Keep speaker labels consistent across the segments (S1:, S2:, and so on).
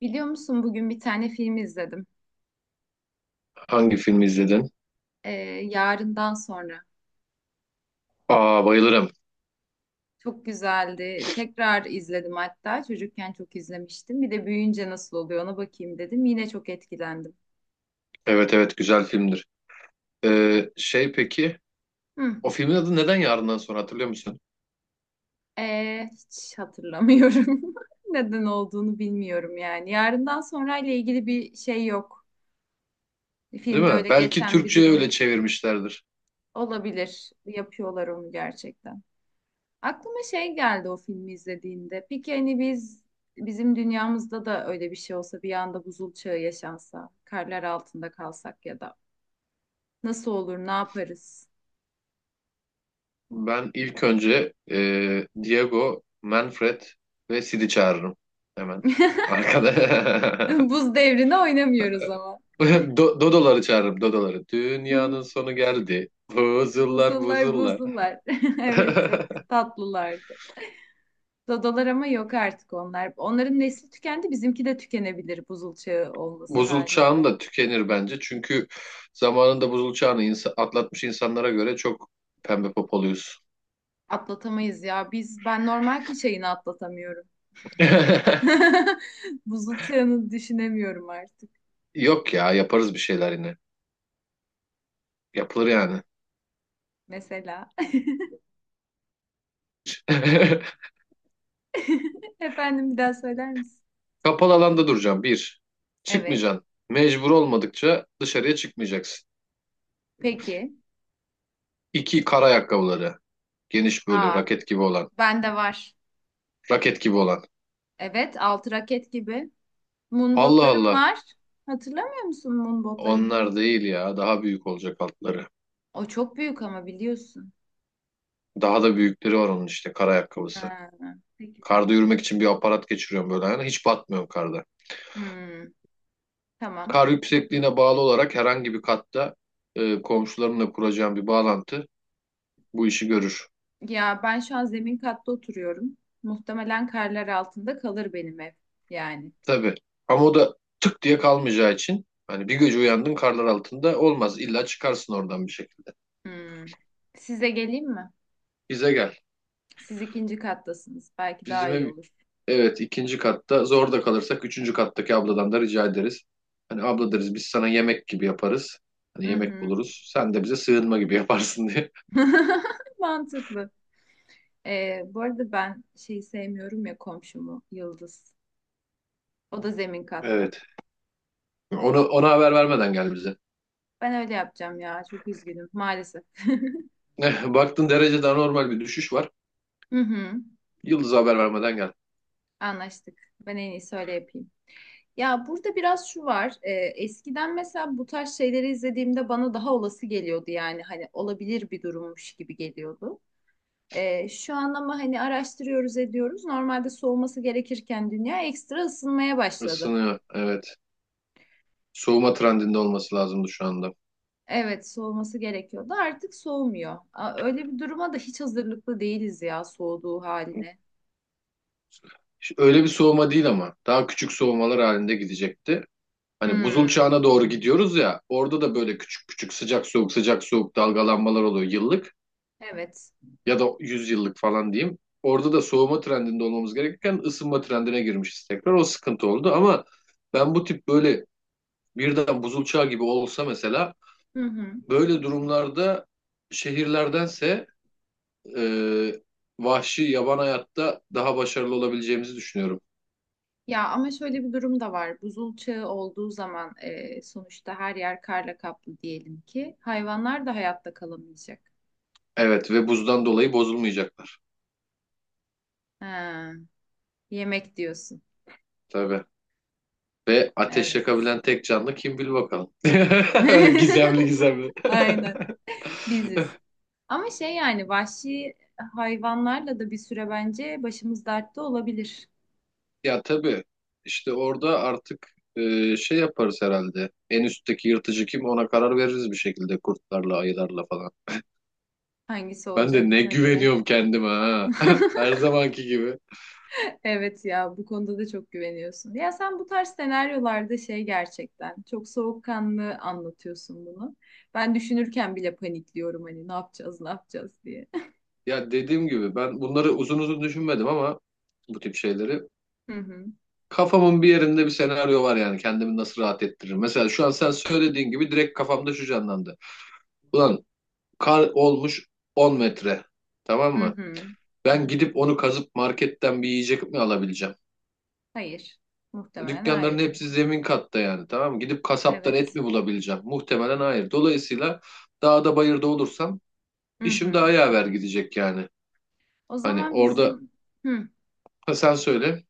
S1: Biliyor musun bugün bir tane film izledim.
S2: Hangi filmi izledin?
S1: Ee, Yarından sonra.
S2: Aa, bayılırım.
S1: Çok güzeldi. Tekrar izledim hatta. Çocukken çok izlemiştim. Bir de büyüyünce nasıl oluyor ona bakayım dedim. Yine çok etkilendim.
S2: Evet, evet, güzel filmdir. Şey, peki
S1: Hı.
S2: o filmin adı neden Yarından Sonra, hatırlıyor musun?
S1: Hiç hatırlamıyorum. Neden olduğunu bilmiyorum yani. Yarından sonra ile ilgili bir şey yok.
S2: Değil
S1: Filmde
S2: mi?
S1: öyle
S2: Belki
S1: geçen bir
S2: Türkçe'ye
S1: durum
S2: öyle
S1: yok.
S2: çevirmişlerdir.
S1: Olabilir. Yapıyorlar onu gerçekten. Aklıma şey geldi o filmi izlediğinde. Peki hani biz bizim dünyamızda da öyle bir şey olsa bir anda buzul çağı yaşansa, karlar altında kalsak ya da nasıl olur, ne yaparız?
S2: Ben ilk önce Diego, Manfred ve Sid'i çağırırım. Hemen. Arkada.
S1: Buz devrine oynamıyoruz ama.
S2: Dodoları çağırırım. Dodoları. Dünyanın sonu geldi. Buzullar
S1: Buzullar
S2: buzullar.
S1: buzullar. Evet, çok tatlılardı. Dodalar ama yok artık onlar. Onların nesli tükendi, bizimki de tükenebilir buzul çağı olması
S2: Buzul çağın
S1: halinde.
S2: da tükenir bence. Çünkü zamanında buzul çağını atlatmış insanlara göre çok pembe popoluyuz.
S1: Atlatamayız ya. Biz ben normal kış ayını atlatamıyorum. Buzul çağını düşünemiyorum artık
S2: Yok ya, yaparız bir şeyler yine. Yapılır yani.
S1: mesela. Efendim bir daha söyler misin?
S2: Kapalı alanda duracaksın. Bir,
S1: Evet.
S2: çıkmayacaksın. Mecbur olmadıkça dışarıya çıkmayacaksın.
S1: Peki.
S2: İki, kar ayakkabıları. Geniş, böyle
S1: Aa,
S2: raket gibi olan.
S1: bende var.
S2: Raket gibi olan.
S1: Evet, altı raket gibi. Moon
S2: Allah
S1: botlarım
S2: Allah.
S1: var. Hatırlamıyor musun moon botlarımı?
S2: Onlar değil ya. Daha büyük olacak altları.
S1: O çok büyük ama biliyorsun.
S2: Daha da büyükleri var onun, işte kar ayakkabısı.
S1: Ha, peki
S2: Karda
S1: madem.
S2: yürümek için bir aparat geçiriyorum böyle ayağına. Hiç batmıyorum karda.
S1: Hmm, tamam.
S2: Kar yüksekliğine bağlı olarak herhangi bir katta komşularımla kuracağım bir bağlantı bu işi görür.
S1: Ya ben şu an zemin katta oturuyorum. Muhtemelen karlar altında kalır benim ev. Yani.
S2: Tabii. Ama o da tık diye kalmayacağı için, hani bir gece uyandın karlar altında olmaz. İlla çıkarsın oradan bir şekilde.
S1: Hmm. Size geleyim mi?
S2: Bize gel.
S1: Siz ikinci kattasınız. Belki daha
S2: Bizim
S1: iyi
S2: ev,
S1: olur.
S2: evet, ikinci katta. Zor da kalırsak üçüncü kattaki abladan da rica ederiz. Hani abla deriz biz sana, yemek gibi yaparız. Hani
S1: Hı
S2: yemek
S1: hı.
S2: buluruz. Sen de bize sığınma gibi yaparsın diye.
S1: Mantıklı. Bu arada ben şeyi sevmiyorum ya komşumu Yıldız. O da zemin katta.
S2: Evet. Ona haber vermeden gel bize.
S1: Ben öyle yapacağım ya. Çok üzgünüm maalesef.
S2: Eh, baktın derecede anormal bir düşüş var.
S1: Hı hı.
S2: Yıldız'a haber vermeden gel.
S1: Anlaştık. Ben en iyisi öyle yapayım. Ya burada biraz şu var. Eskiden mesela bu tarz şeyleri izlediğimde bana daha olası geliyordu yani. Hani olabilir bir durummuş gibi geliyordu. Şu an ama hani araştırıyoruz ediyoruz. Normalde soğuması gerekirken dünya ekstra ısınmaya başladı.
S2: Isınıyor. Evet. Soğuma trendinde olması lazımdı şu anda.
S1: Evet, soğuması gerekiyordu. Artık soğumuyor. Aa, öyle bir duruma da hiç hazırlıklı değiliz ya soğuduğu haline.
S2: Öyle bir soğuma değil ama. Daha küçük soğumalar halinde gidecekti. Hani buzul
S1: Hmm,
S2: çağına doğru gidiyoruz ya. Orada da böyle küçük küçük sıcak soğuk sıcak soğuk dalgalanmalar oluyor yıllık.
S1: evet.
S2: Ya da 100 yıllık falan diyeyim. Orada da soğuma trendinde olmamız gerekirken ısınma trendine girmişiz tekrar. O sıkıntı oldu ama ben bu tip böyle birden buzul çağı gibi olsa mesela,
S1: Hı hı.
S2: böyle durumlarda şehirlerdense e, vahşi yaban hayatta daha başarılı olabileceğimizi düşünüyorum.
S1: Ya ama şöyle bir durum da var. Buzul çağı olduğu zaman sonuçta her yer karla kaplı diyelim ki hayvanlar da hayatta kalamayacak.
S2: Evet, ve buzdan dolayı bozulmayacaklar
S1: Ha, yemek diyorsun.
S2: tabii. Ve ateş
S1: Evet.
S2: yakabilen tek canlı kim, bil bakalım. Öyle gizemli gizemli.
S1: Aynen. Biziz. Ama şey yani vahşi hayvanlarla da bir süre bence başımız dertte olabilir.
S2: Ya tabii, işte orada artık şey yaparız herhalde. En üstteki yırtıcı kim, ona karar veririz bir şekilde, kurtlarla, ayılarla falan.
S1: Hangisi
S2: Ben
S1: olacak
S2: de ne
S1: ona göre.
S2: güveniyorum kendime, ha. Her zamanki gibi.
S1: Evet ya bu konuda da çok güveniyorsun. Ya sen bu tarz senaryolarda şey gerçekten çok soğukkanlı anlatıyorsun bunu. Ben düşünürken bile panikliyorum hani ne yapacağız ne yapacağız diye.
S2: Ya dediğim gibi, ben bunları uzun uzun düşünmedim ama bu tip şeyleri.
S1: Hı hı.
S2: Kafamın bir yerinde bir senaryo var yani, kendimi nasıl rahat ettiririm. Mesela şu an sen söylediğin gibi direkt kafamda şu canlandı. Ulan, kar olmuş 10 metre, tamam
S1: Hı
S2: mı?
S1: hı.
S2: Ben gidip onu kazıp marketten bir yiyecek mi alabileceğim?
S1: Hayır. Muhtemelen
S2: Dükkanların
S1: hayır.
S2: hepsi zemin katta yani, tamam mı? Gidip kasaptan et
S1: Evet.
S2: mi bulabileceğim? Muhtemelen hayır. Dolayısıyla dağda bayırda olursam
S1: Hı
S2: işim daha
S1: hı.
S2: yaver gidecek yani.
S1: O
S2: Hani
S1: zaman
S2: orada,
S1: bizim Hı.
S2: ha, sen söyle.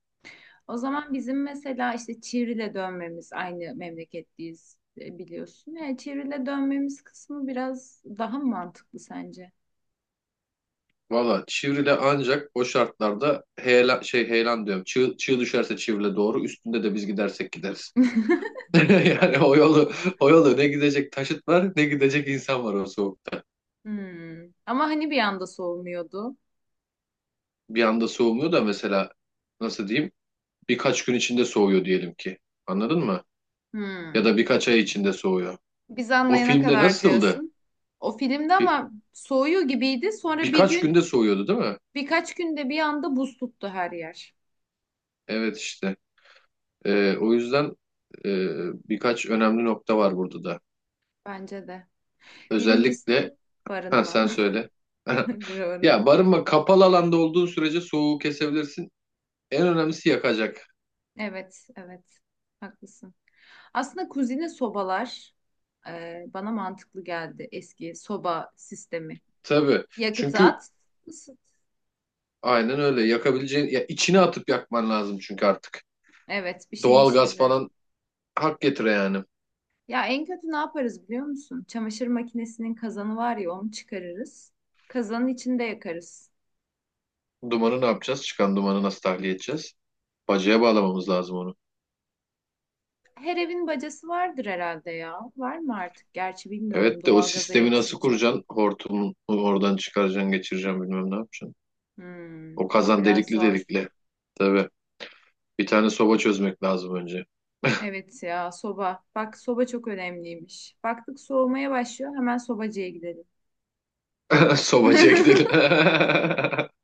S1: O zaman bizim mesela işte Çivril'e dönmemiz aynı memleketliyiz biliyorsun. Yani Çivril'e dönmemiz kısmı biraz daha mı mantıklı sence?
S2: Valla Çivril'e ancak o şartlarda heyelan, şey, heyelan diyorum. Çığ, çığ düşerse Çivril'e doğru. Üstünde de biz gidersek gideriz. Yani o yolu, o yolu ne gidecek taşıt var, ne gidecek insan var o soğukta.
S1: Hmm. Ama hani bir anda soğumuyordu.
S2: Bir anda soğumuyor da mesela, nasıl diyeyim, birkaç gün içinde soğuyor diyelim ki. Anladın mı? Ya
S1: Hmm.
S2: da birkaç ay içinde soğuyor.
S1: Biz
S2: O
S1: anlayana
S2: filmde
S1: kadar
S2: nasıldı?
S1: diyorsun. O filmde
S2: Bir,
S1: ama soğuyor gibiydi. Sonra
S2: Birkaç günde soğuyordu değil mi?
S1: birkaç günde bir anda buz tuttu her yer.
S2: Evet, işte. O yüzden e, birkaç önemli nokta var burada da.
S1: Bence de.
S2: Özellikle
S1: Birincisi
S2: ha,
S1: barınma.
S2: sen söyle.
S1: Bir
S2: Ya
S1: barınma.
S2: barınma, kapalı alanda olduğun sürece soğuğu kesebilirsin. En önemlisi yakacak.
S1: Evet, evet. Haklısın. Aslında kuzine sobalar bana mantıklı geldi. Eski soba sistemi.
S2: Tabii.
S1: Yakıtı
S2: Çünkü
S1: at, ısıt.
S2: aynen öyle. Yakabileceğin, ya içine atıp yakman lazım çünkü artık.
S1: Evet, bir şeyin
S2: Doğal gaz
S1: içinde.
S2: falan hak getire yani.
S1: Ya en kötü ne yaparız biliyor musun? Çamaşır makinesinin kazanı var ya onu çıkarırız. Kazanın içinde yakarız.
S2: Dumanı ne yapacağız? Çıkan dumanı nasıl tahliye edeceğiz? Bacaya bağlamamız lazım onu.
S1: Her evin bacası vardır herhalde ya. Var mı artık? Gerçi bilmiyorum
S2: Evet de o
S1: doğalgaza
S2: sistemi nasıl
S1: geçince.
S2: kuracaksın? Hortumu oradan çıkaracaksın, geçireceksin, bilmem ne yapacaksın. O
S1: O
S2: kazan
S1: biraz
S2: delikli
S1: zor.
S2: delikli. Tabii. Bir tane soba çözmek lazım önce.
S1: Evet ya soba. Bak soba çok önemliymiş. Baktık soğumaya başlıyor hemen sobacıya gidelim.
S2: Sobacıya gidelim.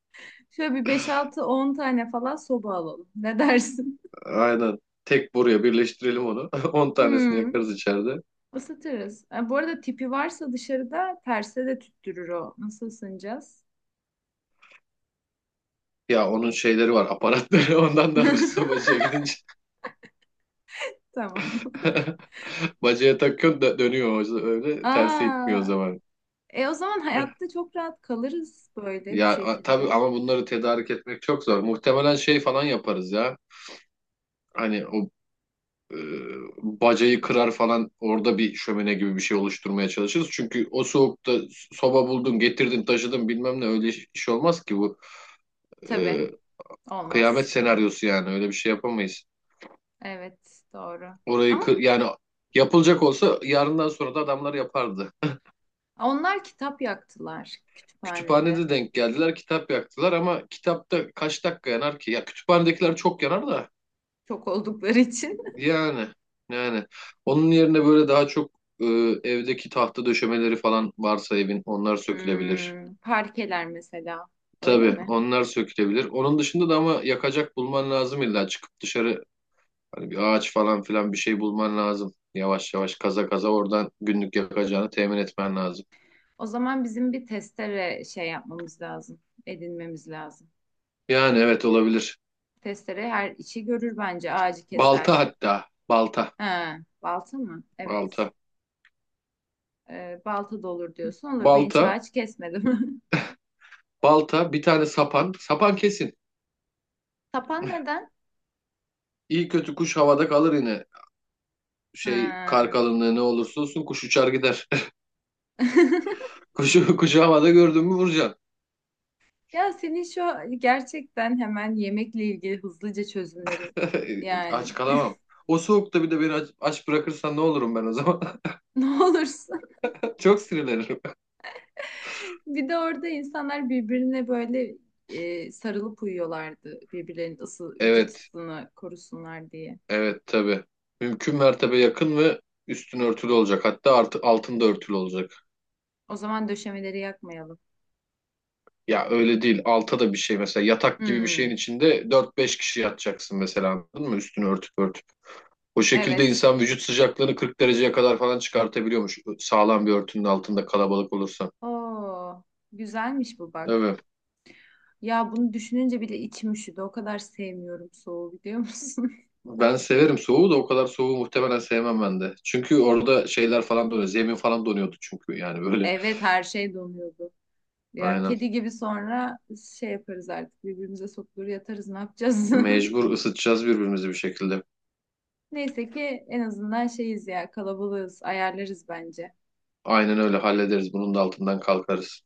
S1: Şöyle bir beş altı on tane falan soba alalım. Ne dersin?
S2: Aynen. Tek buraya birleştirelim onu. 10 tanesini
S1: Hmm,
S2: yakarız içeride.
S1: ısıtırız. Ha, bu arada tipi varsa dışarıda terse de tüttürür o. Nasıl ısınacağız?
S2: Ya onun şeyleri var, aparatları. Ondan da alırsa bacaya gidince.
S1: Tamam.
S2: Bacaya takıyorsun da dönüyor öyle. Tersi gitmiyor o
S1: Aa,
S2: zaman.
S1: o zaman hayatta çok rahat kalırız böyle bu
S2: Ya tabii
S1: şekilde.
S2: ama bunları tedarik etmek çok zor. Muhtemelen şey falan yaparız ya. Hani o e, bacayı kırar falan, orada bir şömine gibi bir şey oluşturmaya çalışırız. Çünkü o soğukta soba buldun, getirdin, taşıdın, bilmem ne, öyle iş iş olmaz ki bu.
S1: Tabii
S2: E, Kıyamet
S1: olmaz.
S2: senaryosu yani, öyle bir şey yapamayız.
S1: Evet doğru.
S2: Orayı
S1: Ama
S2: yani yapılacak olsa Yarından sonra da adamlar yapardı.
S1: onlar kitap yaktılar kütüphanede.
S2: Kütüphanede denk geldiler, kitap yaktılar ama kitapta kaç dakika yanar ki? Ya kütüphanedekiler çok yanar da
S1: Çok oldukları için.
S2: yani, yani onun yerine böyle daha çok e, evdeki tahta döşemeleri falan varsa evin, onlar sökülebilir.
S1: Parkeler mesela. Öyle
S2: Tabii
S1: mi?
S2: onlar sökülebilir. Onun dışında da ama yakacak bulman lazım, illa çıkıp dışarı. Hani bir ağaç falan filan bir şey bulman lazım. Yavaş yavaş kaza kaza oradan günlük yakacağını temin etmen lazım.
S1: O zaman bizim bir testere şey yapmamız lazım. Edinmemiz lazım.
S2: Yani evet, olabilir.
S1: Testere her işi görür bence. Ağacı
S2: Balta,
S1: keser.
S2: hatta. Balta.
S1: Ha, balta mı? Evet.
S2: Balta.
S1: Balta da olur diyorsun. Olur. Ben hiç
S2: Balta.
S1: ağaç kesmedim.
S2: Balta. Bir tane sapan. Sapan kesin.
S1: Tapan neden?
S2: İyi kötü kuş havada kalır yine. Şey, kar
S1: Ha.
S2: kalınlığı ne olursa olsun kuş uçar gider. Kuşu, kuşu havada gördün mü vuracaksın.
S1: Ya senin şu gerçekten hemen yemekle ilgili hızlıca çözümleri yani
S2: Aç kalamam. O soğukta bir de beni aç, aç bırakırsan ne olurum ben o zaman?
S1: ne olursun.
S2: Çok sinirlenirim.
S1: Bir de orada insanlar birbirine böyle sarılıp uyuyorlardı birbirlerinin vücut
S2: Evet.
S1: ısısını korusunlar diye.
S2: Evet tabii. Mümkün mertebe yakın ve üstün örtülü olacak. Hatta artı, altında örtülü olacak.
S1: O zaman döşemeleri yakmayalım.
S2: Ya öyle değil. Alta da bir şey, mesela yatak gibi bir şeyin
S1: Hmm,
S2: içinde dört beş kişi yatacaksın mesela, anladın mı? Üstünü örtüp örtüp. O şekilde
S1: evet.
S2: insan vücut sıcaklığını 40 dereceye kadar falan çıkartabiliyormuş. Sağlam bir örtünün altında kalabalık olursa.
S1: Oo, güzelmiş bu bak.
S2: Evet.
S1: Ya bunu düşününce bile içim üşüdü. O kadar sevmiyorum soğuğu biliyor musun?
S2: Ben severim soğuğu da o kadar soğuğu muhtemelen sevmem ben de. Çünkü orada şeyler falan donuyor. Zemin falan donuyordu çünkü, yani böyle.
S1: Evet her şey donuyordu. Ya
S2: Aynen.
S1: kedi gibi sonra şey yaparız artık birbirimize sokulur yatarız ne yapacağız?
S2: Mecbur ısıtacağız birbirimizi bir şekilde.
S1: Neyse ki en azından şeyiz ya kalabalığız ayarlarız bence.
S2: Aynen öyle hallederiz. Bunun da altından kalkarız.